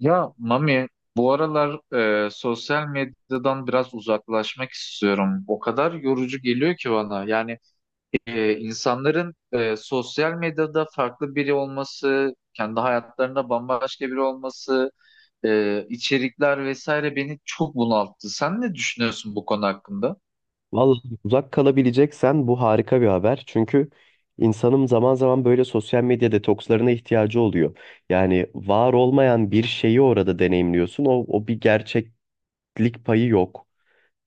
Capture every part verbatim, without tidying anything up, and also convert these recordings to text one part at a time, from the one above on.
Ya Mami, bu aralar e, sosyal medyadan biraz uzaklaşmak istiyorum. O kadar yorucu geliyor ki bana. Yani e, insanların e, sosyal medyada farklı biri olması, kendi hayatlarında bambaşka biri olması, e, içerikler vesaire beni çok bunalttı. Sen ne düşünüyorsun bu konu hakkında? Vallahi uzak kalabileceksen bu harika bir haber. Çünkü insanın zaman zaman böyle sosyal medya detokslarına ihtiyacı oluyor. Yani var olmayan bir şeyi orada deneyimliyorsun. O, o bir gerçeklik payı yok.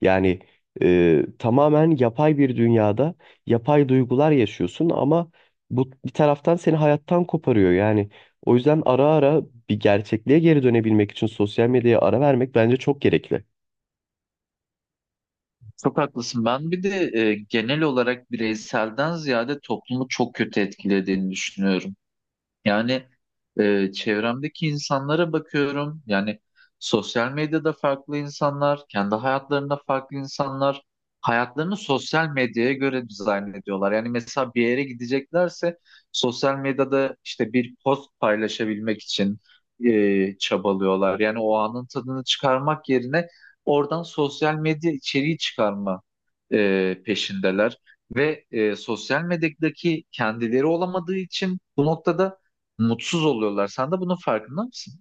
Yani e, tamamen yapay bir dünyada yapay duygular yaşıyorsun ama bu bir taraftan seni hayattan koparıyor. Yani o yüzden ara ara bir gerçekliğe geri dönebilmek için sosyal medyaya ara vermek bence çok gerekli. Çok haklısın. Ben bir de e, genel olarak bireyselden ziyade toplumu çok kötü etkilediğini düşünüyorum. Yani e, çevremdeki insanlara bakıyorum. Yani sosyal medyada farklı insanlar, kendi hayatlarında farklı insanlar hayatlarını sosyal medyaya göre dizayn ediyorlar. Yani mesela bir yere gideceklerse sosyal medyada işte bir post paylaşabilmek için e, çabalıyorlar. Yani o anın tadını çıkarmak yerine oradan sosyal medya içeriği çıkarma e, peşindeler. Ve e, sosyal medyadaki kendileri olamadığı için bu noktada mutsuz oluyorlar. Sen de bunun farkında mısın?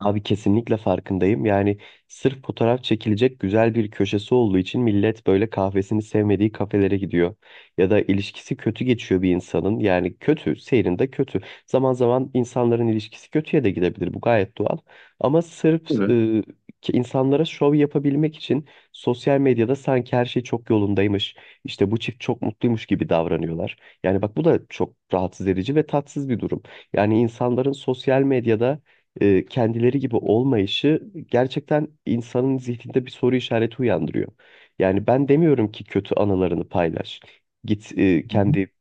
Abi kesinlikle farkındayım. Yani sırf fotoğraf çekilecek güzel bir köşesi olduğu için millet böyle kahvesini sevmediği kafelere gidiyor. Ya da ilişkisi kötü geçiyor bir insanın. Yani kötü, seyrinde kötü. Zaman zaman insanların ilişkisi kötüye de gidebilir. Bu gayet doğal. Ama sırf Evet. e, ki insanlara şov yapabilmek için sosyal medyada sanki her şey çok yolundaymış. İşte bu çift çok mutluymuş gibi davranıyorlar. Yani bak bu da çok rahatsız edici ve tatsız bir durum. Yani insanların sosyal medyada e, kendileri gibi olmayışı gerçekten insanın zihninde bir soru işareti uyandırıyor. Yani ben demiyorum ki kötü anılarını paylaş. Git e, Hı hı. kendi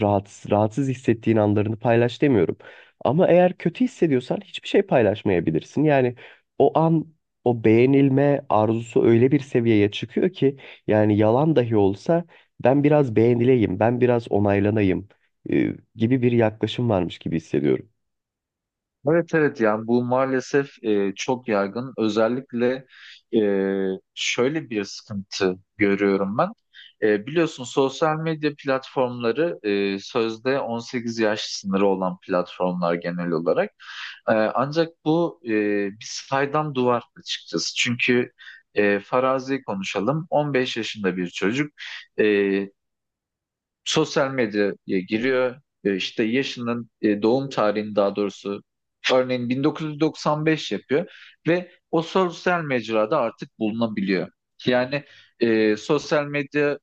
rahatsız, rahatsız hissettiğin anlarını paylaş demiyorum. Ama eğer kötü hissediyorsan hiçbir şey paylaşmayabilirsin. Yani o an o beğenilme arzusu öyle bir seviyeye çıkıyor ki yani yalan dahi olsa ben biraz beğenileyim, ben biraz onaylanayım e, gibi bir yaklaşım varmış gibi hissediyorum. Evet evet, yani bu maalesef e, çok yaygın. Özellikle e, şöyle bir sıkıntı görüyorum ben. E, biliyorsun, sosyal medya platformları e, sözde on sekiz yaş sınırı olan platformlar genel olarak. E, ancak bu e, bir saydam duvar açıkçası. Çünkü e, farazi konuşalım. on beş yaşında bir çocuk e, sosyal medyaya giriyor. E, işte yaşının e, doğum tarihini daha doğrusu örneğin bin dokuz yüz doksan beş yapıyor ve o sosyal mecrada artık bulunabiliyor. Yani e, sosyal medya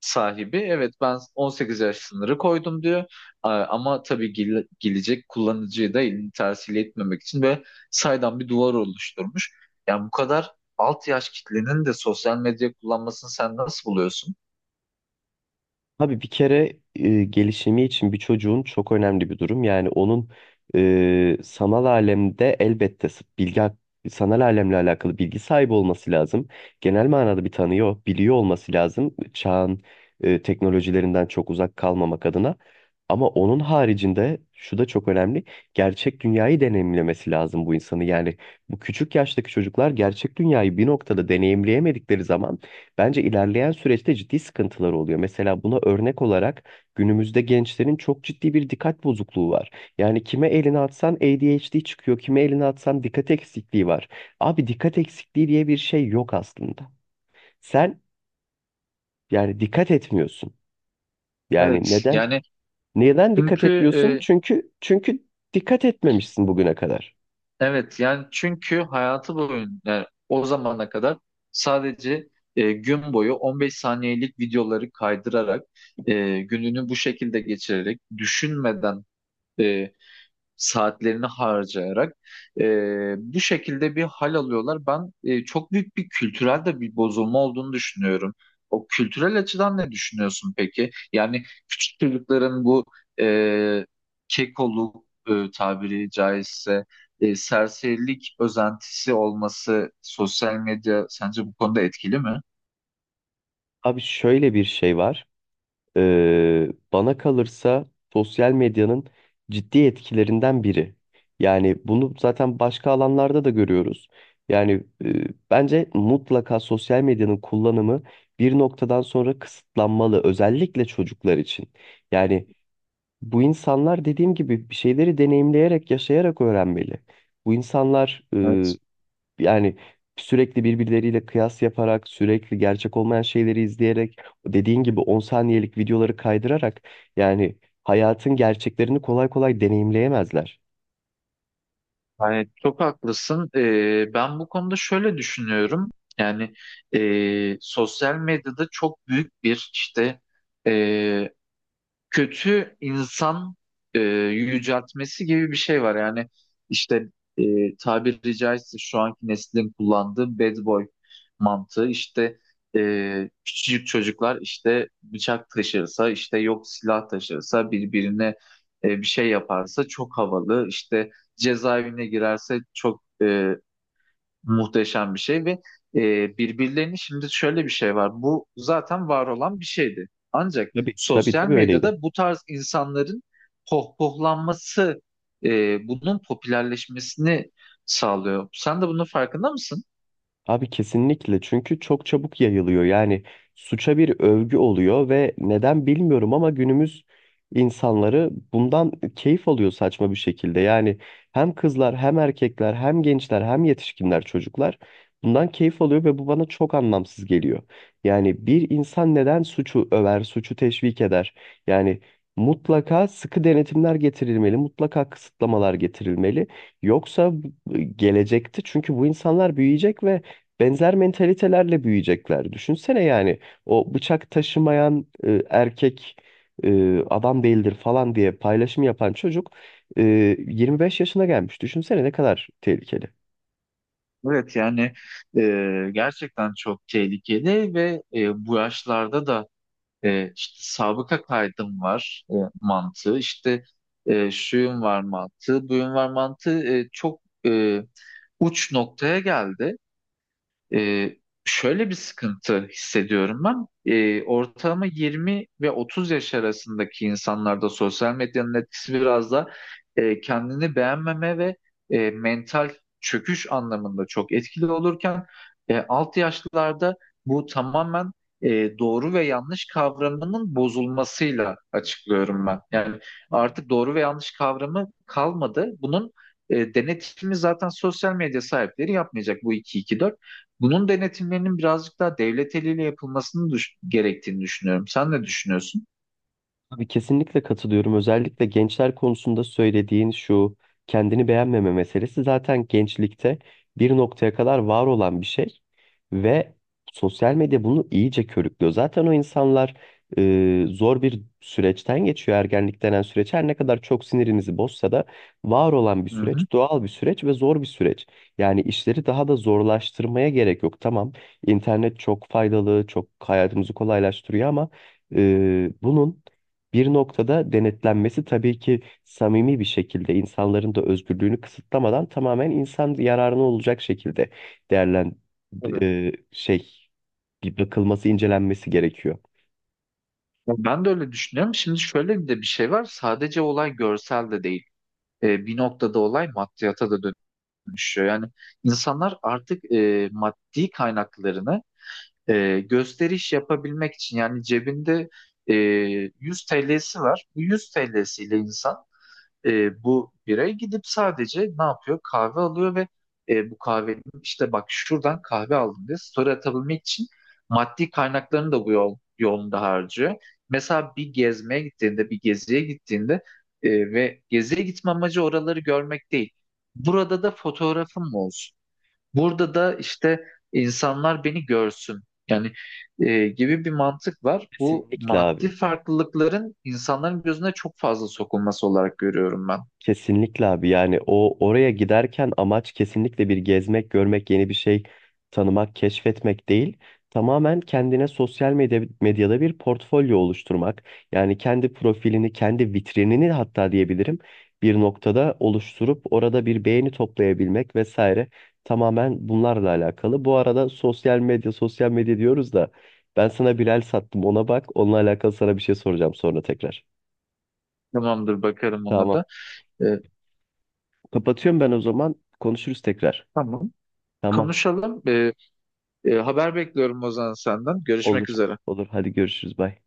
sahibi evet ben on sekiz yaş sınırı koydum diyor. A- ama tabii gel- gelecek kullanıcıyı da elini tersiyle etmemek için ve saydam bir duvar oluşturmuş. Yani bu kadar alt yaş kitlenin de sosyal medya kullanmasını sen nasıl buluyorsun? Abi bir kere e, gelişimi için bir çocuğun çok önemli bir durum. Yani onun e, sanal alemde elbette s- bilgi hak- sanal alemle alakalı bilgi sahibi olması lazım. Genel manada bir tanıyor, biliyor olması lazım. Çağın e, teknolojilerinden çok uzak kalmamak adına. Ama onun haricinde şu da çok önemli. Gerçek dünyayı deneyimlemesi lazım bu insanı. Yani bu küçük yaştaki çocuklar gerçek dünyayı bir noktada deneyimleyemedikleri zaman bence ilerleyen süreçte ciddi sıkıntılar oluyor. Mesela buna örnek olarak günümüzde gençlerin çok ciddi bir dikkat bozukluğu var. Yani kime elini atsan A D H D çıkıyor, kime elini atsan dikkat eksikliği var. Abi dikkat eksikliği diye bir şey yok aslında. Sen yani dikkat etmiyorsun. Yani Evet neden? yani Neden dikkat çünkü etmiyorsun? e, Çünkü çünkü dikkat etmemişsin bugüne kadar. Evet yani çünkü hayatı boyunca, yani o zamana kadar sadece e, gün boyu on beş saniyelik videoları kaydırarak, e, gününü bu şekilde geçirerek, düşünmeden e, saatlerini harcayarak, e, bu şekilde bir hal alıyorlar. Ben e, çok büyük bir kültürel de bir bozulma olduğunu düşünüyorum. O kültürel açıdan ne düşünüyorsun peki? Yani küçük çocukların bu e, kekoluk, e, tabiri caizse e, serserilik özentisi olması, sosyal medya sence bu konuda etkili mi? Abi şöyle bir şey var. Ee, Bana kalırsa sosyal medyanın ciddi etkilerinden biri. Yani bunu zaten başka alanlarda da görüyoruz. Yani e, bence mutlaka sosyal medyanın kullanımı bir noktadan sonra kısıtlanmalı, özellikle çocuklar için. Yani bu insanlar dediğim gibi bir şeyleri deneyimleyerek, yaşayarak öğrenmeli. Bu insanlar Evet. yani sürekli birbirleriyle kıyas yaparak, sürekli gerçek olmayan şeyleri izleyerek, dediğin gibi on saniyelik videoları kaydırarak yani hayatın gerçeklerini kolay kolay deneyimleyemezler. Hayır, çok haklısın. Ee, ben bu konuda şöyle düşünüyorum. Yani e, sosyal medyada çok büyük bir işte kötü insan e, yüceltmesi gibi bir şey var. Yani işte e, tabiri caizse şu anki neslin kullandığı bad boy mantığı işte, e, küçücük çocuklar işte bıçak taşırsa, işte yok silah taşırsa birbirine e, bir şey yaparsa çok havalı, işte cezaevine girerse çok e, Muhteşem bir şey, ve e, birbirlerini şimdi şöyle bir şey var. Bu zaten var olan bir şeydi. Ancak Tabii. Tabii sosyal tabii öyleydi. medyada bu tarz insanların pohpohlanması e, bunun popülerleşmesini sağlıyor. Sen de bunun farkında mısın? Abi kesinlikle çünkü çok çabuk yayılıyor. Yani suça bir övgü oluyor ve neden bilmiyorum ama günümüz insanları bundan keyif alıyor saçma bir şekilde. Yani hem kızlar hem erkekler hem gençler hem yetişkinler çocuklar bundan keyif alıyor ve bu bana çok anlamsız geliyor. Yani bir insan neden suçu över, suçu teşvik eder? Yani mutlaka sıkı denetimler getirilmeli, mutlaka kısıtlamalar getirilmeli. Yoksa bu- gelecekte çünkü bu insanlar büyüyecek ve benzer mentalitelerle büyüyecekler. Düşünsene yani o bıçak taşımayan e, erkek e, adam değildir falan diye paylaşım yapan çocuk e, yirmi beş yaşına gelmiş. Düşünsene ne kadar tehlikeli. Evet yani e, gerçekten çok tehlikeli ve e, bu yaşlarda da E, işte sabıka kaydım var e, mantığı, işte e, şuyum var mantığı, buyum var mantığı e, çok e, uç noktaya geldi. Ee, şöyle bir sıkıntı hissediyorum ben. Ee, ortalama yirmi ve otuz yaş arasındaki insanlarda sosyal medyanın etkisi biraz da e, kendini beğenmeme ve e, mental çöküş anlamında çok etkili olurken, e, alt yaşlılarda bu tamamen e, doğru ve yanlış kavramının bozulmasıyla açıklıyorum ben. Yani artık doğru ve yanlış kavramı kalmadı. Bunun e, denetimi zaten sosyal medya sahipleri yapmayacak, bu iki iki dört. Bunun denetimlerinin birazcık daha devlet eliyle yapılmasını düş- gerektiğini düşünüyorum. Sen ne düşünüyorsun? Abi kesinlikle katılıyorum. Özellikle gençler konusunda söylediğin şu kendini beğenmeme meselesi zaten gençlikte bir noktaya kadar var olan bir şey ve sosyal medya bunu iyice körüklüyor. Zaten o insanlar e, zor bir süreçten geçiyor ergenlik denen süreç. Her ne kadar çok sinirinizi bozsa da var olan bir Hı hı. süreç, doğal bir süreç ve zor bir süreç. Yani işleri daha da zorlaştırmaya gerek yok. Tamam, internet çok faydalı, çok hayatımızı kolaylaştırıyor ama e, bunun bir noktada denetlenmesi tabii ki samimi bir şekilde insanların da özgürlüğünü kısıtlamadan tamamen insan yararına olacak şekilde değerlen Tabii. e, şey bir bakılması, incelenmesi gerekiyor. Ya Ben de öyle düşünüyorum. Şimdi şöyle bir de bir şey var. Sadece olay görsel de değil. Ee, bir noktada olay maddiyata da dönüşüyor. Yani insanlar artık e, maddi kaynaklarını e, gösteriş yapabilmek için, yani cebinde e, yüz T L'si var. Bu yüz T L'siyle insan E, bu birey gidip sadece ne yapıyor? Kahve alıyor ve e, bu kahvenin işte, bak şuradan kahve aldım diye story atabilmek için maddi kaynaklarını da bu yol, yolunda harcıyor. Mesela bir gezmeye gittiğinde, bir geziye gittiğinde, e, ve geziye gitme amacı oraları görmek değil. Burada da fotoğrafım olsun. Burada da işte insanlar beni görsün. Yani e, gibi bir mantık var. Bu Kesinlikle abi. maddi farklılıkların insanların gözüne çok fazla sokulması olarak görüyorum ben. Kesinlikle abi yani o oraya giderken amaç kesinlikle bir gezmek, görmek, yeni bir şey tanımak, keşfetmek değil. Tamamen kendine sosyal medya, medyada bir portfolyo oluşturmak. Yani kendi profilini, kendi vitrinini hatta diyebilirim bir noktada oluşturup orada bir beğeni toplayabilmek vesaire. Tamamen bunlarla alakalı. Bu arada sosyal medya, sosyal medya diyoruz da ben sana bir el sattım ona bak. Onunla alakalı sana bir şey soracağım sonra tekrar. Tamamdır, bakarım ona Tamam. da. Ee, Kapatıyorum ben o zaman. Konuşuruz tekrar. tamam. Tamam. Konuşalım. Ee, e, haber bekliyorum Ozan senden. Görüşmek Olur. üzere. Olur. Hadi görüşürüz. Bye.